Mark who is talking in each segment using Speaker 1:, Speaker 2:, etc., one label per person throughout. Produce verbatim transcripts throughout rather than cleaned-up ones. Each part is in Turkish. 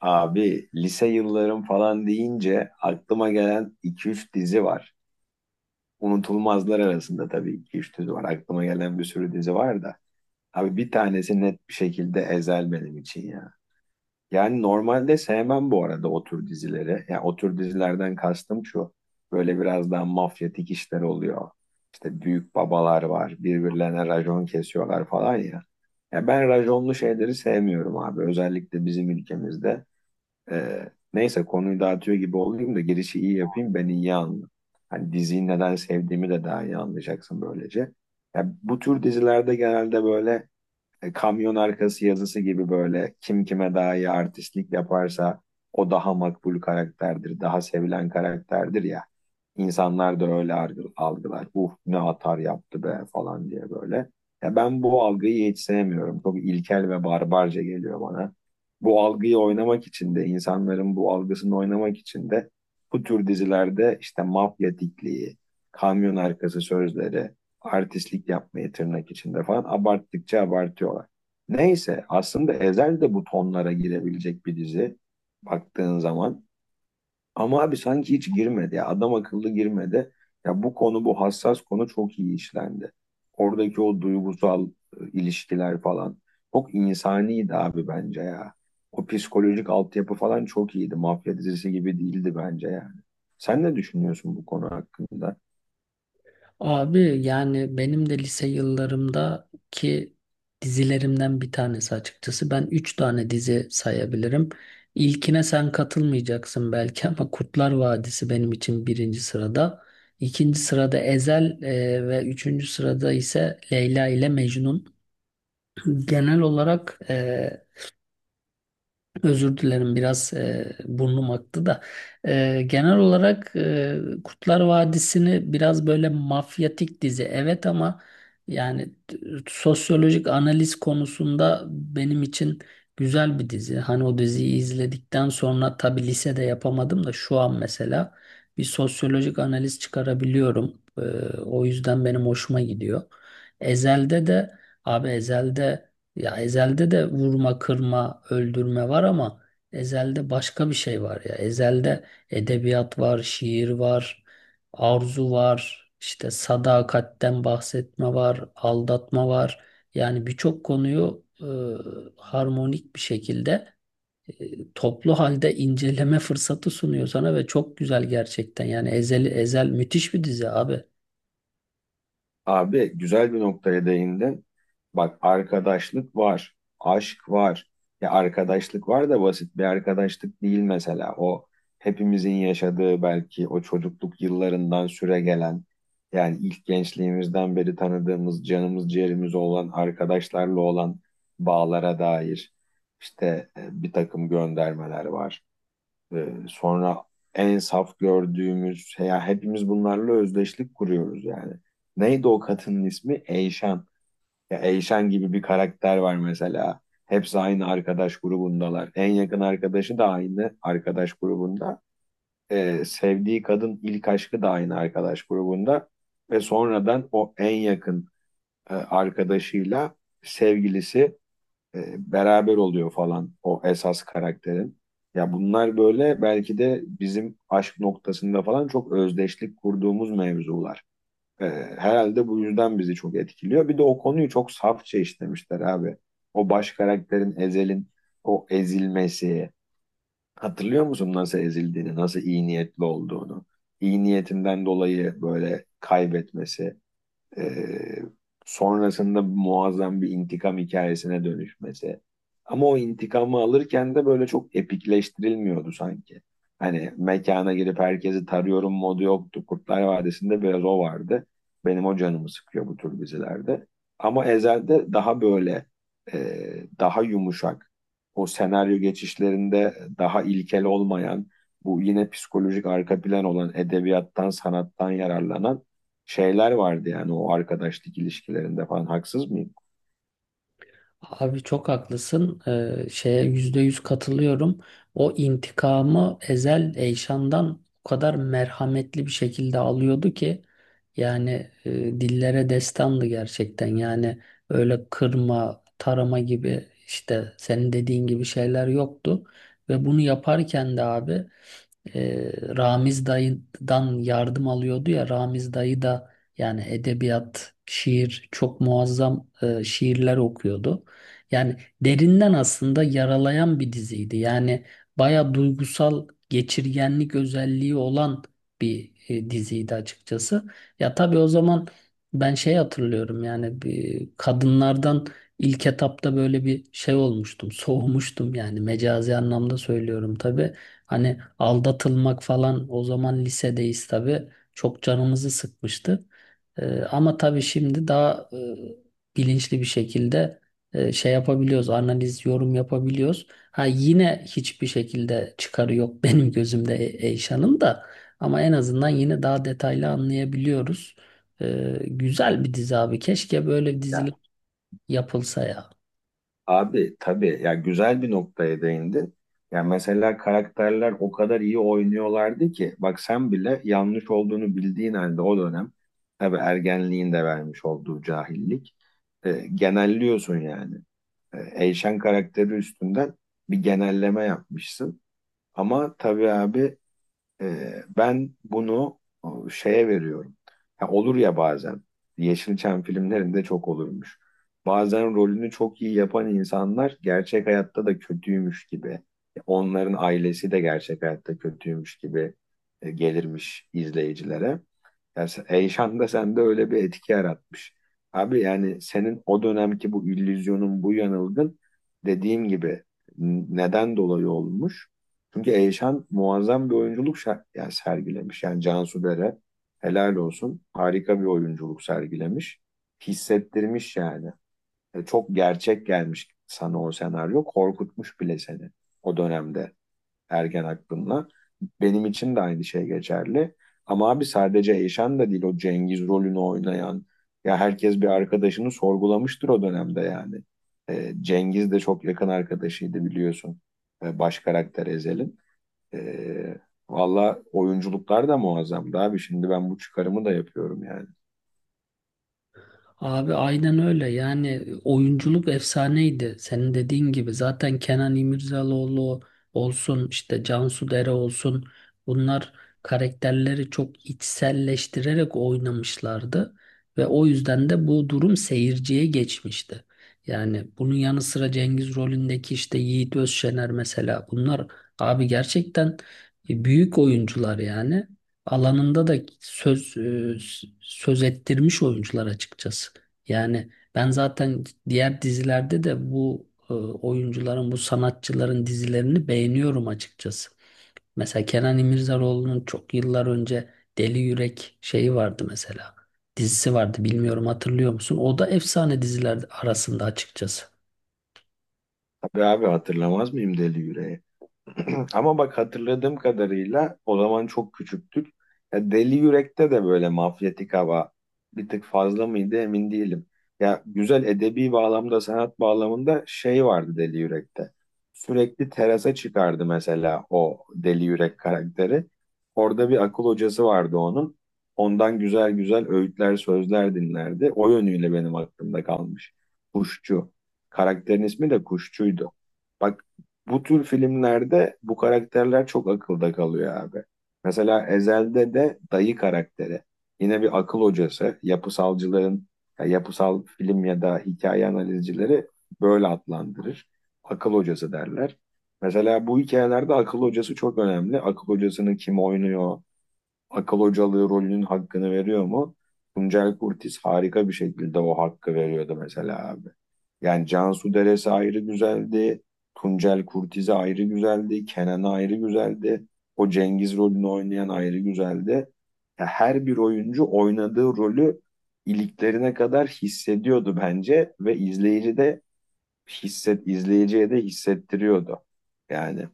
Speaker 1: Abi lise yıllarım falan deyince aklıma gelen iki üç dizi var. Unutulmazlar arasında tabii iki üç dizi var. Aklıma gelen bir sürü dizi var da. Abi bir tanesi net bir şekilde Ezel benim için ya. Yani normalde sevmem bu arada o tür dizileri. Yani o tür dizilerden kastım şu. Böyle biraz daha mafyatik işler oluyor. İşte büyük babalar var. Birbirlerine racon kesiyorlar falan ya. Ya ben raconlu şeyleri sevmiyorum abi. Özellikle bizim ülkemizde. Ee, Neyse konuyu dağıtıyor gibi olayım da girişi iyi yapayım ben iyi anla. Hani diziyi neden sevdiğimi de daha iyi anlayacaksın böylece. Ya bu tür dizilerde genelde böyle e, kamyon arkası yazısı gibi böyle kim kime daha iyi artistlik yaparsa o daha makbul karakterdir, daha sevilen karakterdir ya. İnsanlar da öyle argı- algılar. Uh ne atar yaptı be falan diye böyle. Ya ben bu algıyı hiç sevmiyorum. Çok ilkel ve barbarca geliyor bana. Bu algıyı oynamak için de insanların bu algısını oynamak için de bu tür dizilerde işte mafya dikliği, kamyon arkası sözleri, artistlik yapmayı tırnak içinde falan abarttıkça abartıyorlar. Neyse aslında Ezel de bu tonlara girebilecek bir dizi baktığın zaman. Ama abi sanki hiç girmedi ya adam akıllı girmedi. Ya bu konu bu hassas konu çok iyi işlendi. Oradaki o duygusal e, ilişkiler falan çok insaniydi abi bence ya. O psikolojik altyapı falan çok iyiydi. Mafya dizisi gibi değildi bence yani. Sen ne düşünüyorsun bu konu hakkında?
Speaker 2: Abi yani benim de lise yıllarımdaki dizilerimden bir tanesi açıkçası. Ben üç tane dizi sayabilirim. İlkine sen katılmayacaksın belki ama Kurtlar Vadisi benim için birinci sırada. İkinci sırada Ezel e, ve üçüncü sırada ise Leyla ile Mecnun. Genel olarak e, Özür dilerim biraz e, burnum aktı da. E, genel olarak e, Kurtlar Vadisi'ni biraz böyle mafyatik dizi evet ama yani t- sosyolojik analiz konusunda benim için güzel bir dizi. Hani o diziyi izledikten sonra tabii lisede yapamadım da şu an mesela bir sosyolojik analiz çıkarabiliyorum. E, o yüzden benim hoşuma gidiyor. Ezel'de de abi Ezel'de, ya Ezel'de de vurma, kırma, öldürme var ama Ezel'de başka bir şey var ya. Ezel'de edebiyat var, şiir var, arzu var, işte sadakatten bahsetme var, aldatma var. Yani birçok konuyu e, harmonik bir şekilde, e, toplu halde inceleme fırsatı sunuyor sana ve çok güzel gerçekten. Yani Ezel, Ezel müthiş bir dizi abi.
Speaker 1: Abi güzel bir noktaya değindin. Bak arkadaşlık var, aşk var. Ya arkadaşlık var da basit bir arkadaşlık değil mesela. O hepimizin yaşadığı belki o çocukluk yıllarından süre gelen yani ilk gençliğimizden beri tanıdığımız canımız ciğerimiz olan arkadaşlarla olan bağlara dair işte e, bir takım göndermeler var. Ee, sonra en saf gördüğümüz ya hepimiz bunlarla özdeşlik kuruyoruz yani. Neydi o kadının ismi? Eyşan. Ya Eyşan gibi bir karakter var mesela. Hepsi aynı arkadaş grubundalar. En yakın arkadaşı da aynı arkadaş grubunda. Ee, sevdiği kadın ilk aşkı da aynı arkadaş grubunda. Ve sonradan o en yakın e, arkadaşıyla sevgilisi e, beraber oluyor falan o esas karakterin. Ya bunlar böyle belki de bizim aşk noktasında falan çok özdeşlik kurduğumuz mevzular. E, Herhalde bu yüzden bizi çok etkiliyor. Bir de o konuyu çok safça işlemişler abi. O baş karakterin Ezel'in o ezilmesi. Hatırlıyor musun nasıl ezildiğini, nasıl iyi niyetli olduğunu? İyi niyetinden dolayı böyle kaybetmesi. Ee, Sonrasında muazzam bir intikam hikayesine dönüşmesi. Ama o intikamı alırken de böyle çok epikleştirilmiyordu sanki. Hani mekana girip herkesi tarıyorum modu yoktu. Kurtlar Vadisi'nde biraz o vardı. Benim o canımı sıkıyor bu tür dizilerde. Ama Ezel'de daha böyle e, daha yumuşak. O senaryo geçişlerinde daha ilkel olmayan, bu yine psikolojik arka plan olan edebiyattan, sanattan yararlanan şeyler vardı yani o arkadaşlık ilişkilerinde falan haksız mıyım?
Speaker 2: Abi çok haklısın. Ee, şeye yüzde yüz katılıyorum. O intikamı Ezel Eyşan'dan o kadar merhametli bir şekilde alıyordu ki, yani, e, dillere destandı gerçekten. Yani öyle kırma, tarama gibi işte senin dediğin gibi şeyler yoktu. Ve bunu yaparken de abi e, Ramiz dayıdan yardım alıyordu, ya Ramiz dayı da yani edebiyat, şiir çok muazzam, e, şiirler okuyordu. Yani derinden aslında yaralayan bir diziydi. Yani baya duygusal geçirgenlik özelliği olan bir e, diziydi açıkçası. Ya tabii o zaman ben şey hatırlıyorum, yani bir kadınlardan ilk etapta böyle bir şey olmuştum, soğumuştum, yani mecazi anlamda söylüyorum tabii. Hani aldatılmak falan, o zaman lisedeyiz tabii. Çok canımızı sıkmıştı. Ee, ama tabii şimdi daha e, bilinçli bir şekilde e, şey yapabiliyoruz. Analiz, yorum yapabiliyoruz. Ha yine hiçbir şekilde çıkarı yok benim gözümde E- Eyşan'ın da. Ama en azından yine daha detaylı anlayabiliyoruz. Ee, güzel bir dizi abi. Keşke böyle bir
Speaker 1: Ya
Speaker 2: dizilik yapılsa ya.
Speaker 1: abi tabii ya güzel bir noktaya değindin. Ya mesela karakterler o kadar iyi oynuyorlardı ki bak sen bile yanlış olduğunu bildiğin halde o dönem tabii ergenliğin de vermiş olduğu cahillik e, genelliyorsun yani. E, Eyşen karakteri üstünden bir genelleme yapmışsın. Ama tabii abi Ee, ben bunu o, şeye veriyorum. Ha, olur ya bazen. Yeşilçam filmlerinde çok olurmuş. Bazen rolünü çok iyi yapan insanlar gerçek hayatta da kötüymüş gibi. Onların ailesi de gerçek hayatta kötüymüş gibi e, gelirmiş izleyicilere. Ya sen- heyecan da sende öyle bir etki yaratmış. Abi yani senin o dönemki bu illüzyonun, bu yanılgın dediğim gibi n- neden dolayı olmuş? Çünkü Eyşan muazzam bir oyunculuk şer- yani sergilemiş. Yani Cansu Dere helal olsun harika bir oyunculuk sergilemiş. Hissettirmiş yani. E, çok gerçek gelmiş sana o senaryo. Korkutmuş bile seni o dönemde ergen aklımla. Benim için de aynı şey geçerli. Ama abi sadece Eyşan da değil o Cengiz rolünü oynayan. Ya herkes bir arkadaşını sorgulamıştır o dönemde yani. Ee, Cengiz de çok yakın arkadaşıydı biliyorsun. Ee, baş karakter Ezel'in. Ee, Valla oyunculuklar da muazzamdı abi. Şimdi ben bu çıkarımı da yapıyorum yani.
Speaker 2: Abi aynen öyle, yani oyunculuk efsaneydi senin dediğin gibi. Zaten Kenan İmirzalıoğlu olsun, işte Cansu Dere olsun, bunlar karakterleri çok içselleştirerek oynamışlardı ve o yüzden de bu durum seyirciye geçmişti. Yani bunun yanı sıra Cengiz rolündeki işte Yiğit Özşener, mesela bunlar abi gerçekten e, büyük oyuncular, yani alanında da söz e, s- söz ettirmiş oyuncular açıkçası. Yani ben zaten diğer dizilerde de bu e, oyuncuların, bu sanatçıların dizilerini beğeniyorum açıkçası. Mesela Kenan İmirzalıoğlu'nun çok yıllar önce Deli Yürek şeyi vardı mesela. Dizisi vardı, bilmiyorum hatırlıyor musun? O da efsane diziler arasında açıkçası.
Speaker 1: Tabii abi hatırlamaz mıyım Deli Yüreği? Ama bak hatırladığım kadarıyla o zaman çok küçüktük. Ya Deli Yürek'te de böyle mafyatik hava bir tık fazla mıydı emin değilim. Ya güzel edebi bağlamda, sanat bağlamında şey vardı Deli Yürek'te. Sürekli terasa çıkardı mesela o Deli Yürek karakteri. Orada bir akıl hocası vardı onun. Ondan güzel güzel öğütler, sözler dinlerdi. O yönüyle benim aklımda kalmış. Kuşçu. Karakterin ismi de Kuşçuydu. Bak bu tür filmlerde bu karakterler çok akılda kalıyor abi. Mesela Ezel'de de dayı karakteri. Yine bir akıl hocası. Yapısalcıların, ya yapısal film ya da hikaye analizcileri böyle adlandırır. Akıl hocası derler. Mesela bu hikayelerde akıl hocası çok önemli. Akıl hocasını kim oynuyor, akıl hocalığı rolünün hakkını veriyor mu? Tuncel Kurtiz harika bir şekilde o hakkı veriyordu mesela abi. Yani Cansu Deresi ayrı güzeldi. Tuncel Kurtiz'i ayrı güzeldi. Kenan'ı ayrı güzeldi. O Cengiz rolünü oynayan ayrı güzeldi. Ya her bir oyuncu oynadığı rolü iliklerine kadar hissediyordu bence ve izleyici de hisset izleyiciye de hissettiriyordu. Yani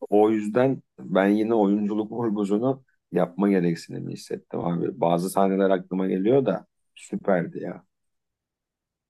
Speaker 1: o yüzden ben yine oyunculuk vurgusunu yapma gereksinimi hissettim abi. Bazı sahneler aklıma geliyor da süperdi ya.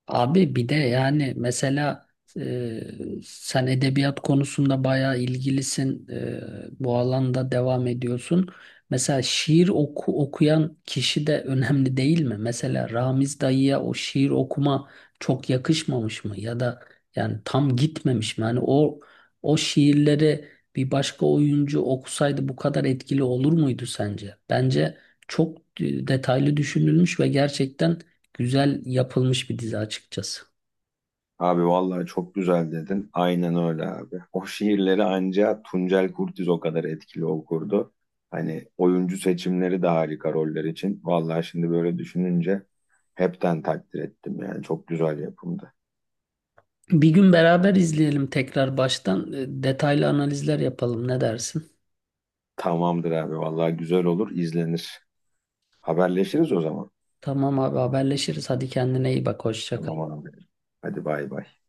Speaker 2: Abi bir de yani mesela, e, sen edebiyat konusunda bayağı ilgilisin. E, bu alanda devam ediyorsun. Mesela şiir oku, okuyan kişi de önemli değil mi? Mesela Ramiz dayıya o şiir okuma çok yakışmamış mı? Ya da yani tam gitmemiş mi? Yani o o şiirleri bir başka oyuncu okusaydı bu kadar etkili olur muydu sence? Bence çok e, detaylı düşünülmüş ve gerçekten güzel yapılmış bir dizi açıkçası.
Speaker 1: Abi vallahi çok güzel dedin. Aynen öyle abi. O şiirleri anca Tuncel Kurtiz o kadar etkili okurdu. Hani oyuncu seçimleri de harika roller için. Vallahi şimdi böyle düşününce hepten takdir ettim yani. Çok güzel yapımdı.
Speaker 2: Bir gün beraber izleyelim tekrar baştan. E, detaylı analizler yapalım. Ne dersin?
Speaker 1: Tamamdır abi vallahi güzel olur izlenir. Haberleşiriz o zaman.
Speaker 2: Tamam abi, haberleşiriz. Hadi kendine iyi bak. Hoşça kal.
Speaker 1: Tamam abi. Hadi bay bay.